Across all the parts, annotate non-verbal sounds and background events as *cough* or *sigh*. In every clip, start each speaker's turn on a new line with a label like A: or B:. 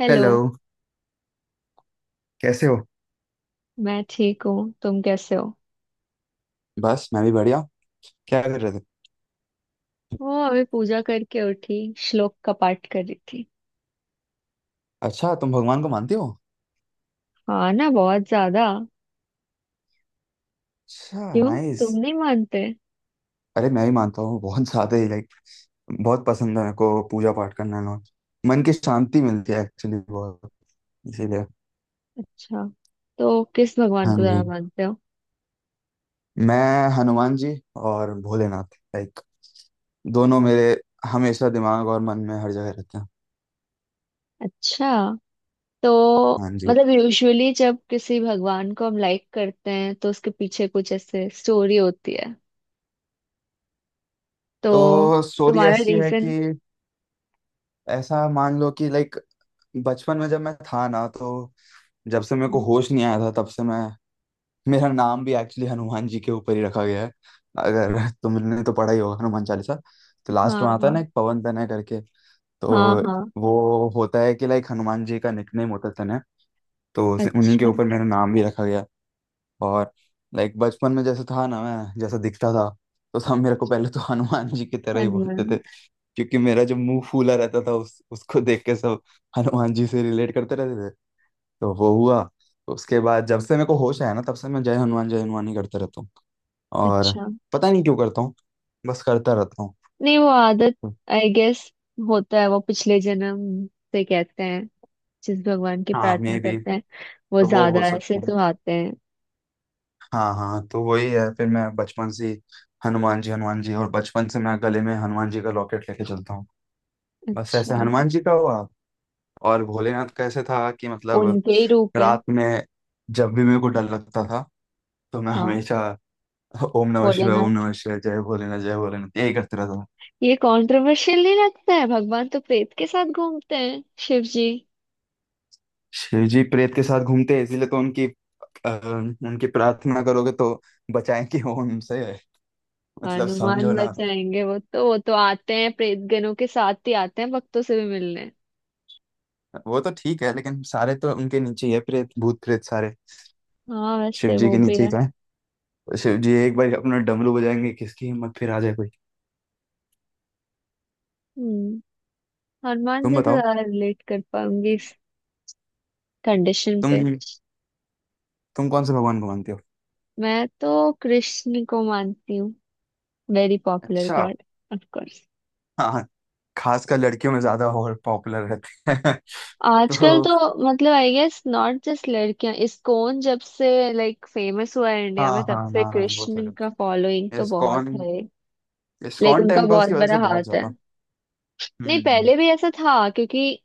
A: Hello.
B: Hello. कैसे हो?
A: मैं ठीक हूँ। तुम कैसे हो?
B: बस मैं भी बढ़िया। क्या कर रहे थे?
A: वो अभी पूजा करके उठी। श्लोक का पाठ कर रही थी।
B: अच्छा, तुम भगवान को मानती हो?
A: हाँ ना, बहुत ज्यादा।
B: अच्छा,
A: क्यों?
B: नाइस।
A: तुम नहीं मानते?
B: अरे मैं भी मानता हूँ बहुत ज्यादा ही। लाइक बहुत पसंद है मेरे को पूजा पाठ करना ना। मन की शांति मिलती है एक्चुअली बहुत। इसीलिए।
A: अच्छा। तो किस भगवान
B: हाँ
A: को ज्यादा
B: जी।
A: मानते हो?
B: मैं हनुमान जी और भोलेनाथ, लाइक दोनों मेरे हमेशा दिमाग और मन में हर जगह रहते हैं।
A: अच्छा। तो
B: हाँ जी।
A: मतलब यूजुअली जब किसी भगवान को हम लाइक करते हैं तो उसके पीछे कुछ ऐसे स्टोरी होती है। तो
B: तो स्टोरी
A: तुम्हारा
B: ऐसी है
A: रीजन?
B: कि ऐसा मान लो कि लाइक बचपन में जब मैं था ना, तो जब से मेरे को होश नहीं आया था तब से मैं, मेरा नाम भी एक्चुअली हनुमान जी के ऊपर ही रखा गया है। अगर *laughs* तुमने तो पढ़ा ही होगा हनुमान चालीसा, तो लास्ट
A: हाँ
B: में आता है ना
A: हाँ
B: एक पवन तनय करके।
A: हाँ
B: तो
A: हाँ।
B: वो होता है कि लाइक हनुमान जी का निकनेम होता है तनय। तो उन्हीं के
A: अच्छा।
B: ऊपर मेरा नाम भी रखा गया। और लाइक बचपन में जैसे था ना, मैं जैसा दिखता था तो सब मेरे को पहले तो हनुमान जी की तरह ही
A: हनुमान?
B: बोलते थे, क्योंकि मेरा जो मुंह फूला रहता था उस उसको देख के सब हनुमान जी से रिलेट करते रहते थे। तो वो हुआ। उसके बाद जब से मेरे को होश आया ना, तब से मैं जय हनुमान ही करते रहता हूँ। और
A: अच्छा।
B: पता नहीं क्यों करता हूँ, बस करता रहता हूँ।
A: नहीं वो आदत, आई गेस, होता है वो पिछले जन्म से, कहते हैं जिस भगवान की
B: हाँ
A: प्रार्थना
B: मे बी,
A: करते हैं वो
B: तो वो हो
A: ज्यादा ऐसे
B: सकता है।
A: तो आते हैं।
B: हाँ हाँ, तो वही है। फिर मैं बचपन से ही हनुमान जी हनुमान जी, और बचपन से मैं गले में हनुमान जी का लॉकेट लेके चलता हूँ। बस ऐसे
A: अच्छा।
B: हनुमान जी का हुआ। और भोलेनाथ का ऐसे था कि मतलब
A: उनके ही रूप है।
B: रात में जब भी मेरे को डर लगता था तो मैं
A: हाँ।
B: हमेशा ओम
A: भोलेनाथ?
B: नमः शिवाय जय भोलेनाथ यही करते रहता था।
A: ये कंट्रोवर्शियल नहीं लगता है, भगवान तो प्रेत के साथ घूमते हैं, शिव जी।
B: शिव जी प्रेत के साथ घूमते हैं, इसीलिए तो उनकी, अ, उनकी प्रार्थना करोगे तो बचाएंगे वो उनसे। मतलब
A: हनुमान
B: समझो ना।
A: बचाएंगे? वो तो, वो तो आते हैं प्रेत गणों के साथ ही, आते हैं भक्तों से भी मिलने।
B: वो तो ठीक है, लेकिन सारे तो उनके नीचे ही है, प्रेत भूत प्रेत सारे
A: हाँ
B: शिव
A: वैसे
B: जी
A: वो
B: के
A: भी
B: नीचे ही
A: है।
B: तो है। शिव जी एक बार अपना डमरू बजाएंगे, किसकी हिम्मत फिर आ जाए कोई।
A: हम्म। हनुमान
B: तुम
A: जी से
B: बताओ,
A: ज्यादा रिलेट कर पाऊंगी इस कंडीशन
B: तुम
A: पे।
B: तुम कौन से भगवान को मानते हो?
A: मैं तो कृष्ण को मानती हूँ। वेरी पॉपुलर
B: अच्छा।
A: गॉड। Of course.
B: हाँ, खासकर लड़कियों में ज्यादा और पॉपुलर रहते हैं। *laughs*
A: आजकल
B: तो
A: तो, मतलब आई गेस नॉट जस्ट लड़कियां, इस्कॉन जब से लाइक फेमस हुआ है इंडिया
B: हाँ
A: में तब
B: हाँ
A: से
B: हाँ हाँ, वो तो
A: कृष्ण का फॉलोइंग
B: है।
A: तो
B: इस्कॉन,
A: बहुत है। लाइक
B: इस्कॉन
A: उनका
B: टेम्पल्स की
A: बहुत
B: वजह
A: बड़ा
B: से बहुत
A: हाथ है।
B: ज्यादा। हम्म
A: नहीं
B: हम्म।
A: पहले भी ऐसा था क्योंकि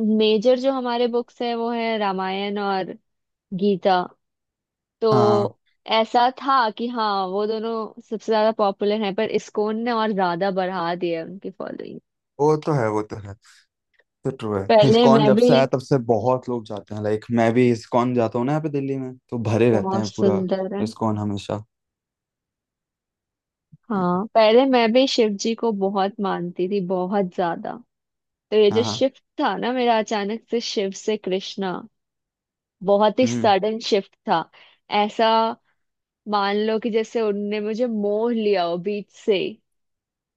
A: मेजर जो हमारे बुक्स है वो है रामायण और गीता।
B: हाँ
A: तो ऐसा था कि हाँ वो दोनों सबसे ज्यादा पॉपुलर हैं, पर इस्कॉन ने और ज्यादा बढ़ा दिया है उनकी फॉलोइंग।
B: वो तो है, वो तो है। तो ट्रू है,
A: पहले
B: इस्कॉन
A: मैं
B: जब
A: भी।
B: से आया तब से बहुत लोग जाते हैं। लाइक मैं भी इस्कॉन जाता हूँ ना, यहाँ पे दिल्ली में तो भरे रहते
A: बहुत
B: हैं पूरा
A: सुंदर है।
B: इस्कॉन हमेशा।
A: हाँ पहले मैं भी शिव जी को बहुत मानती थी, बहुत ज्यादा। तो ये
B: हाँ
A: जो
B: हाँ।
A: शिफ्ट था ना मेरा, अचानक से शिव से कृष्णा, बहुत ही
B: हम्म।
A: सडन शिफ्ट था। ऐसा, मान लो कि जैसे उनने मुझे मोह लिया हो, बीच से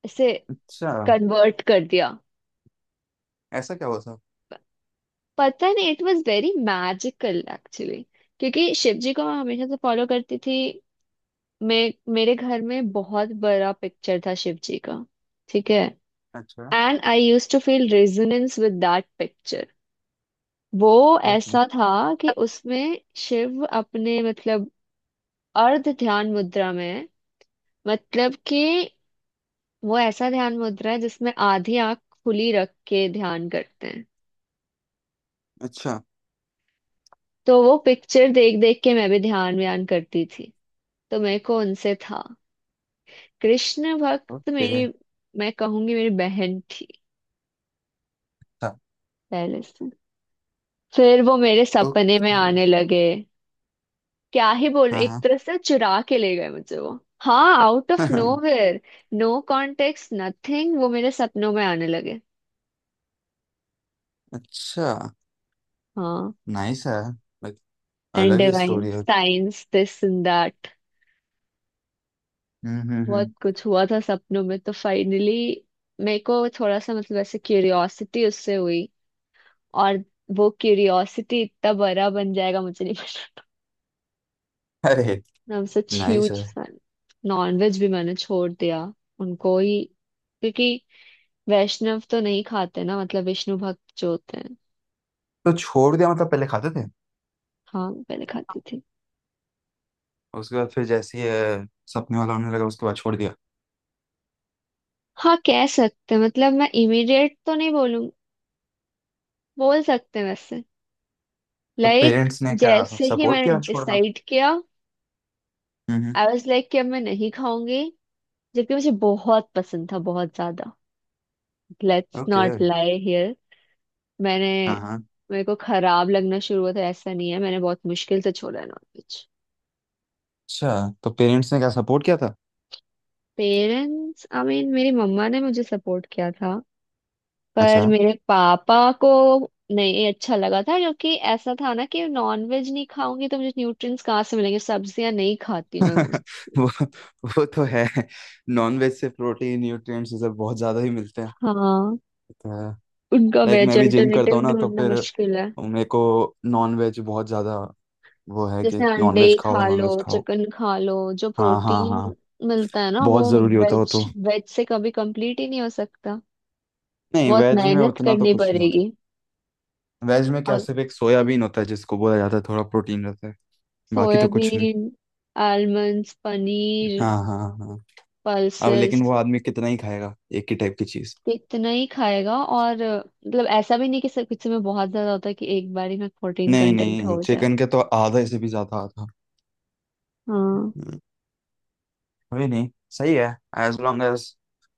A: ऐसे
B: अच्छा,
A: कन्वर्ट कर दिया।
B: ऐसा क्या हुआ था?
A: प- पता नहीं, it was very magical actually. क्योंकि शिव जी को मैं हमेशा से फॉलो करती थी। मैं, मेरे घर में बहुत बड़ा पिक्चर था शिव जी का। ठीक है।
B: अच्छा।
A: And I use to feel resonance with that picture. वो
B: ओके।
A: ऐसा था कि उसमें शिव अपने, मतलब अर्ध ध्यान मुद्रा में है। मतलब कि वो ऐसा ध्यान मुद्रा है जिसमें आधी आंख खुली रख के ध्यान करते हैं।
B: अच्छा।
A: तो वो पिक्चर देख देख के मैं भी ध्यान व्यान करती थी। तो मेरे को उनसे था। कृष्ण भक्त
B: ओके।
A: मेरी, मैं कहूंगी मेरी बहन थी
B: अच्छा।
A: पहले से। फिर वो मेरे सपने में
B: ओके।
A: आने लगे। क्या ही बोलूं,
B: हाँ
A: एक
B: हाँ।
A: तरह से चुरा के ले गए मुझे वो। हाँ, out of
B: *laughs*
A: nowhere. No context nothing, वो मेरे सपनों में आने लगे।
B: अच्छा,
A: हाँ।
B: नाइस है। लाइक
A: एंड
B: अलग ही
A: डिवाइन
B: स्टोरी है।
A: Science, this and that. बहुत
B: हम्म।
A: कुछ हुआ था सपनों में, तो फाइनली मेरे को थोड़ा सा, मतलब ऐसे क्यूरियोसिटी उससे हुई। और वो क्यूरियोसिटी इतना बड़ा बन जाएगा, मुझे नहीं पता।
B: अरे,
A: मैं सच
B: नाइस
A: ह्यूज
B: है।
A: फैन। नॉनवेज भी मैंने छोड़ दिया, उनको ही, क्योंकि वैष्णव तो नहीं खाते ना, मतलब विष्णु भक्त जो होते हैं।
B: तो छोड़ दिया मतलब, पहले खाते थे?
A: हाँ मैं पहले खाती थी।
B: उसके बाद फिर जैसे ही सपने वाला होने लगा उसके बाद छोड़ दिया?
A: हाँ कह सकते हैं। मतलब मैं इमीडिएट तो नहीं बोलूं, बोल सकते हैं वैसे।
B: तो
A: लाइक
B: पेरेंट्स ने क्या
A: जैसे ही
B: सपोर्ट
A: मैंने
B: किया छोड़ना?
A: डिसाइड किया,
B: हम्म।
A: आई वाज लाइक कि अब मैं नहीं खाऊंगी। जबकि मुझे बहुत पसंद था, बहुत ज्यादा। Let's
B: okay.
A: Not lie here. मैंने,
B: हाँ हाँ।
A: मेरे को खराब लगना शुरू हुआ था ऐसा नहीं है, मैंने बहुत मुश्किल से छोड़ा नॉनवेज।
B: अच्छा, तो पेरेंट्स ने क्या सपोर्ट किया था?
A: पेरेंट्स, आई मीन मेरी मम्मा ने मुझे सपोर्ट किया था। पर
B: अच्छा।
A: मेरे पापा को नहीं अच्छा लगा था, क्योंकि ऐसा था ना कि नॉनवेज नहीं खाऊंगी तो मुझे न्यूट्रिएंट्स कहाँ से मिलेंगे। सब्जियां नहीं खाती हूँ मैं मोस्ट।
B: *laughs* वो वो तो है। नॉनवेज से प्रोटीन न्यूट्रिएंट्स ये सब बहुत ज़्यादा ही मिलते हैं
A: हाँ।
B: तो।
A: उनका
B: लाइक
A: वेज
B: मैं भी जिम करता
A: अल्टरनेटिव
B: हूँ ना, तो
A: ढूंढना
B: फिर
A: मुश्किल है।
B: मेरे को नॉनवेज बहुत ज़्यादा। वो है कि
A: जैसे अंडे
B: नॉनवेज
A: ही
B: खाओ
A: खा
B: नॉनवेज
A: लो,
B: खाओ।
A: चिकन खा लो, जो
B: हाँ हाँ हाँ,
A: प्रोटीन मिलता है ना वो,
B: बहुत ज़रूरी होता हो
A: वेज,
B: तो।
A: वेज से कभी कंप्लीट ही नहीं हो सकता।
B: नहीं,
A: बहुत
B: वेज में
A: मेहनत
B: उतना तो
A: करनी
B: कुछ नहीं होता।
A: पड़ेगी।
B: वेज में क्या,
A: और
B: सिर्फ एक सोयाबीन होता है जिसको बोला जाता है थोड़ा प्रोटीन रहता है, बाकी तो कुछ नहीं।
A: सोयाबीन, आलमंड्स, पनीर,
B: हाँ हाँ हाँ। अब
A: पल्सेस,
B: लेकिन वो आदमी कितना ही खाएगा एक ही टाइप की चीज।
A: कितना ही खाएगा। और मतलब ऐसा भी नहीं कि सब कुछ में बहुत ज्यादा होता है कि एक बार ही में प्रोटीन
B: नहीं
A: कंटेंट
B: नहीं,
A: हो जाए।
B: चिकन के तो आधा से भी ज्यादा आता।
A: हाँ
B: हम्म, कोई नहीं। सही है। एज लॉन्ग एज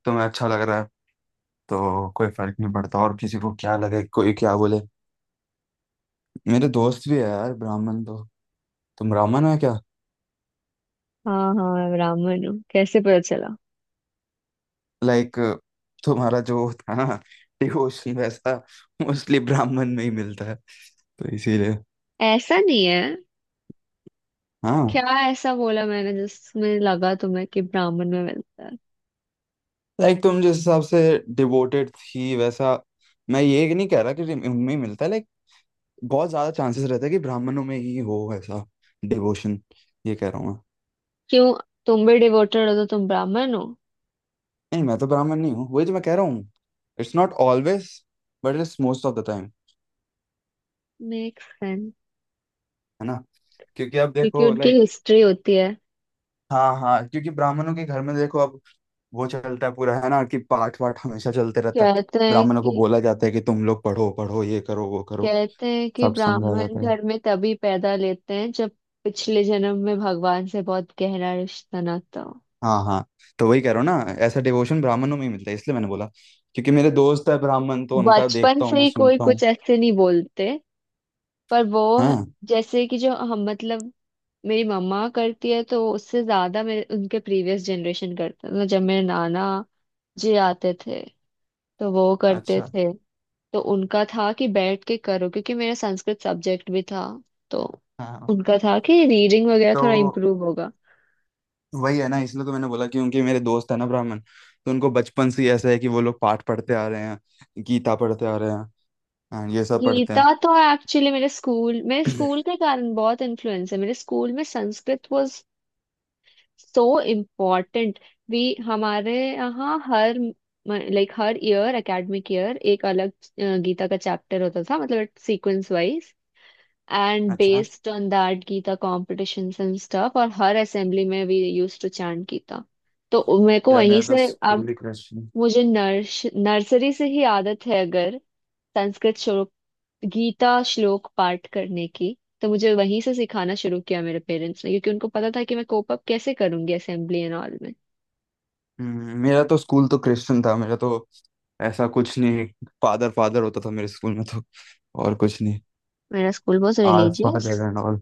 B: तुम्हें अच्छा लग रहा है, तो कोई फर्क नहीं पड़ता और किसी को क्या लगे, कोई क्या बोले। मेरे दोस्त भी है यार ब्राह्मण, तो तुम ब्राह्मण हो क्या?
A: हाँ हाँ, ब्राह्मण हूँ। कैसे पता चला?
B: लाइक तुम्हारा जो था ना डिवोशन वैसा मोस्टली ब्राह्मण में ही मिलता है, तो इसीलिए।
A: ऐसा नहीं है क्या?
B: हाँ,
A: ऐसा बोला मैंने जिसमें लगा तुम्हें कि ब्राह्मण में मिलता है?
B: लाइक तुम जिस हिसाब से डिवोटेड थी वैसा, मैं ये नहीं कह रहा कि उनमें ही मिलता है। बहुत ज्यादा चांसेस रहता है कि ब्राह्मणों में ही हो ऐसा डिवोशन, ये कह रहा हूँ मैं।
A: क्यों? तुम भी डिवोटेड हो तो तुम ब्राह्मण हो?
B: नहीं, मैं तो ब्राह्मण नहीं हूँ, वही तो मैं कह रहा हूँ। It's not always, but it's most of the time.
A: Make sense.
B: है ना? क्योंकि अब
A: क्योंकि
B: देखो
A: उनकी
B: लाइक,
A: हिस्ट्री होती है।
B: हाँ हाँ, क्योंकि ब्राह्मणों के घर में देखो अब, वो चलता है पूरा है ना कि पाठ वाठ हमेशा चलते रहता है।
A: कहते हैं
B: ब्राह्मणों को
A: कि
B: बोला जाता है कि तुम लोग पढ़ो पढ़ो, ये करो वो करो,
A: कहते हैं कि
B: सब समझाया
A: ब्राह्मण
B: जाता है।
A: घर में तभी पैदा लेते हैं, जब पिछले जन्म में भगवान से बहुत गहरा रिश्ता नाता हो।
B: हाँ हाँ, तो वही कह रहा हूँ ना, ऐसा डिवोशन ब्राह्मणों में ही मिलता है, इसलिए मैंने बोला। क्योंकि मेरे दोस्त है ब्राह्मण, तो उनका
A: बचपन
B: देखता हूँ
A: से
B: मैं,
A: ही कोई
B: सुनता हूँ।
A: कुछ ऐसे नहीं बोलते, पर वो,
B: हाँ।
A: जैसे कि जो हम, मतलब मेरी मम्मा करती है, तो उससे ज्यादा मेरे, उनके प्रीवियस जनरेशन करते हैं। मतलब जब मेरे नाना जी आते थे तो वो करते
B: अच्छा।
A: थे। तो उनका था कि बैठ के करो, क्योंकि मेरा संस्कृत सब्जेक्ट भी था। तो
B: हाँ,
A: उनका था कि रीडिंग वगैरह थोड़ा
B: तो
A: इम्प्रूव होगा।
B: वही है ना, इसलिए तो मैंने बोला कि उनके, मेरे दोस्त है ना ब्राह्मण, तो उनको बचपन से ही ऐसा है कि वो लोग पाठ पढ़ते आ रहे हैं, गीता पढ़ते आ रहे हैं। हाँ, ये सब पढ़ते
A: गीता
B: हैं।
A: तो एक्चुअली मेरे स्कूल, मेरे स्कूल
B: *coughs*
A: के कारण बहुत इन्फ्लुएंस है। मेरे स्कूल में संस्कृत, वो सो इम्पॉर्टेंट। वी, हमारे यहाँ हर, लाइक हर ईयर, एकेडमिक ईयर एक अलग गीता का चैप्टर होता था, मतलब सीक्वेंस वाइज।
B: *clears throat*
A: एंड
B: अच्छा।
A: Based on that Gita competitions and stuff, और हर असेंबली में we use to chant Gita. तो मेरे को
B: यार
A: वहीं
B: मेरा तो
A: से। अब
B: स्कूल ही क्रिश्चियन।
A: मुझे नर्सरी से ही आदत है, अगर संस्कृत श्लोक, गीता श्लोक पाठ करने की। तो मुझे वहीं से सिखाना शुरू किया मेरे पेरेंट्स ने, क्योंकि उनको पता था कि मैं कोप अप कैसे करूंगी असेंबली एंड ऑल में।
B: मेरा तो स्कूल तो क्रिश्चियन था मेरा तो, ऐसा कुछ नहीं, फादर फादर होता था मेरे स्कूल में, तो और कुछ नहीं।
A: मेरा स्कूल बहुत
B: आर
A: रिलीजियस।
B: फादर एंड ऑल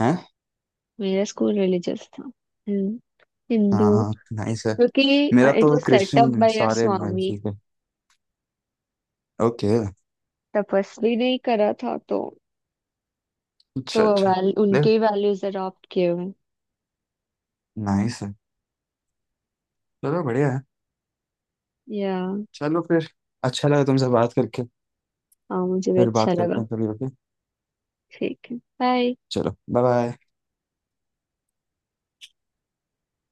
B: हैं।
A: मेरा स्कूल रिलीजियस था, हिंदू।
B: हाँ हाँ, नाइस है।
A: क्योंकि
B: मेरा
A: इट
B: तो
A: was set up
B: Christian
A: by uh
B: सारे।
A: स्वामी,
B: ओके।
A: तपस्वी नहीं करा था तो। तो
B: अच्छा
A: वो,
B: अच्छा।
A: वैल,
B: देख,
A: उनके ही वैल्यूज अडॉप्ट किए हुए।
B: नाइस है, चलो बढ़िया है।
A: या।
B: चलो फिर, अच्छा लगा तुमसे बात करके।
A: हाँ मुझे भी
B: फिर
A: अच्छा
B: बात करते
A: लगा।
B: हैं कभी, ओके?
A: ठीक है, बाय।
B: चलो, बाय बाय।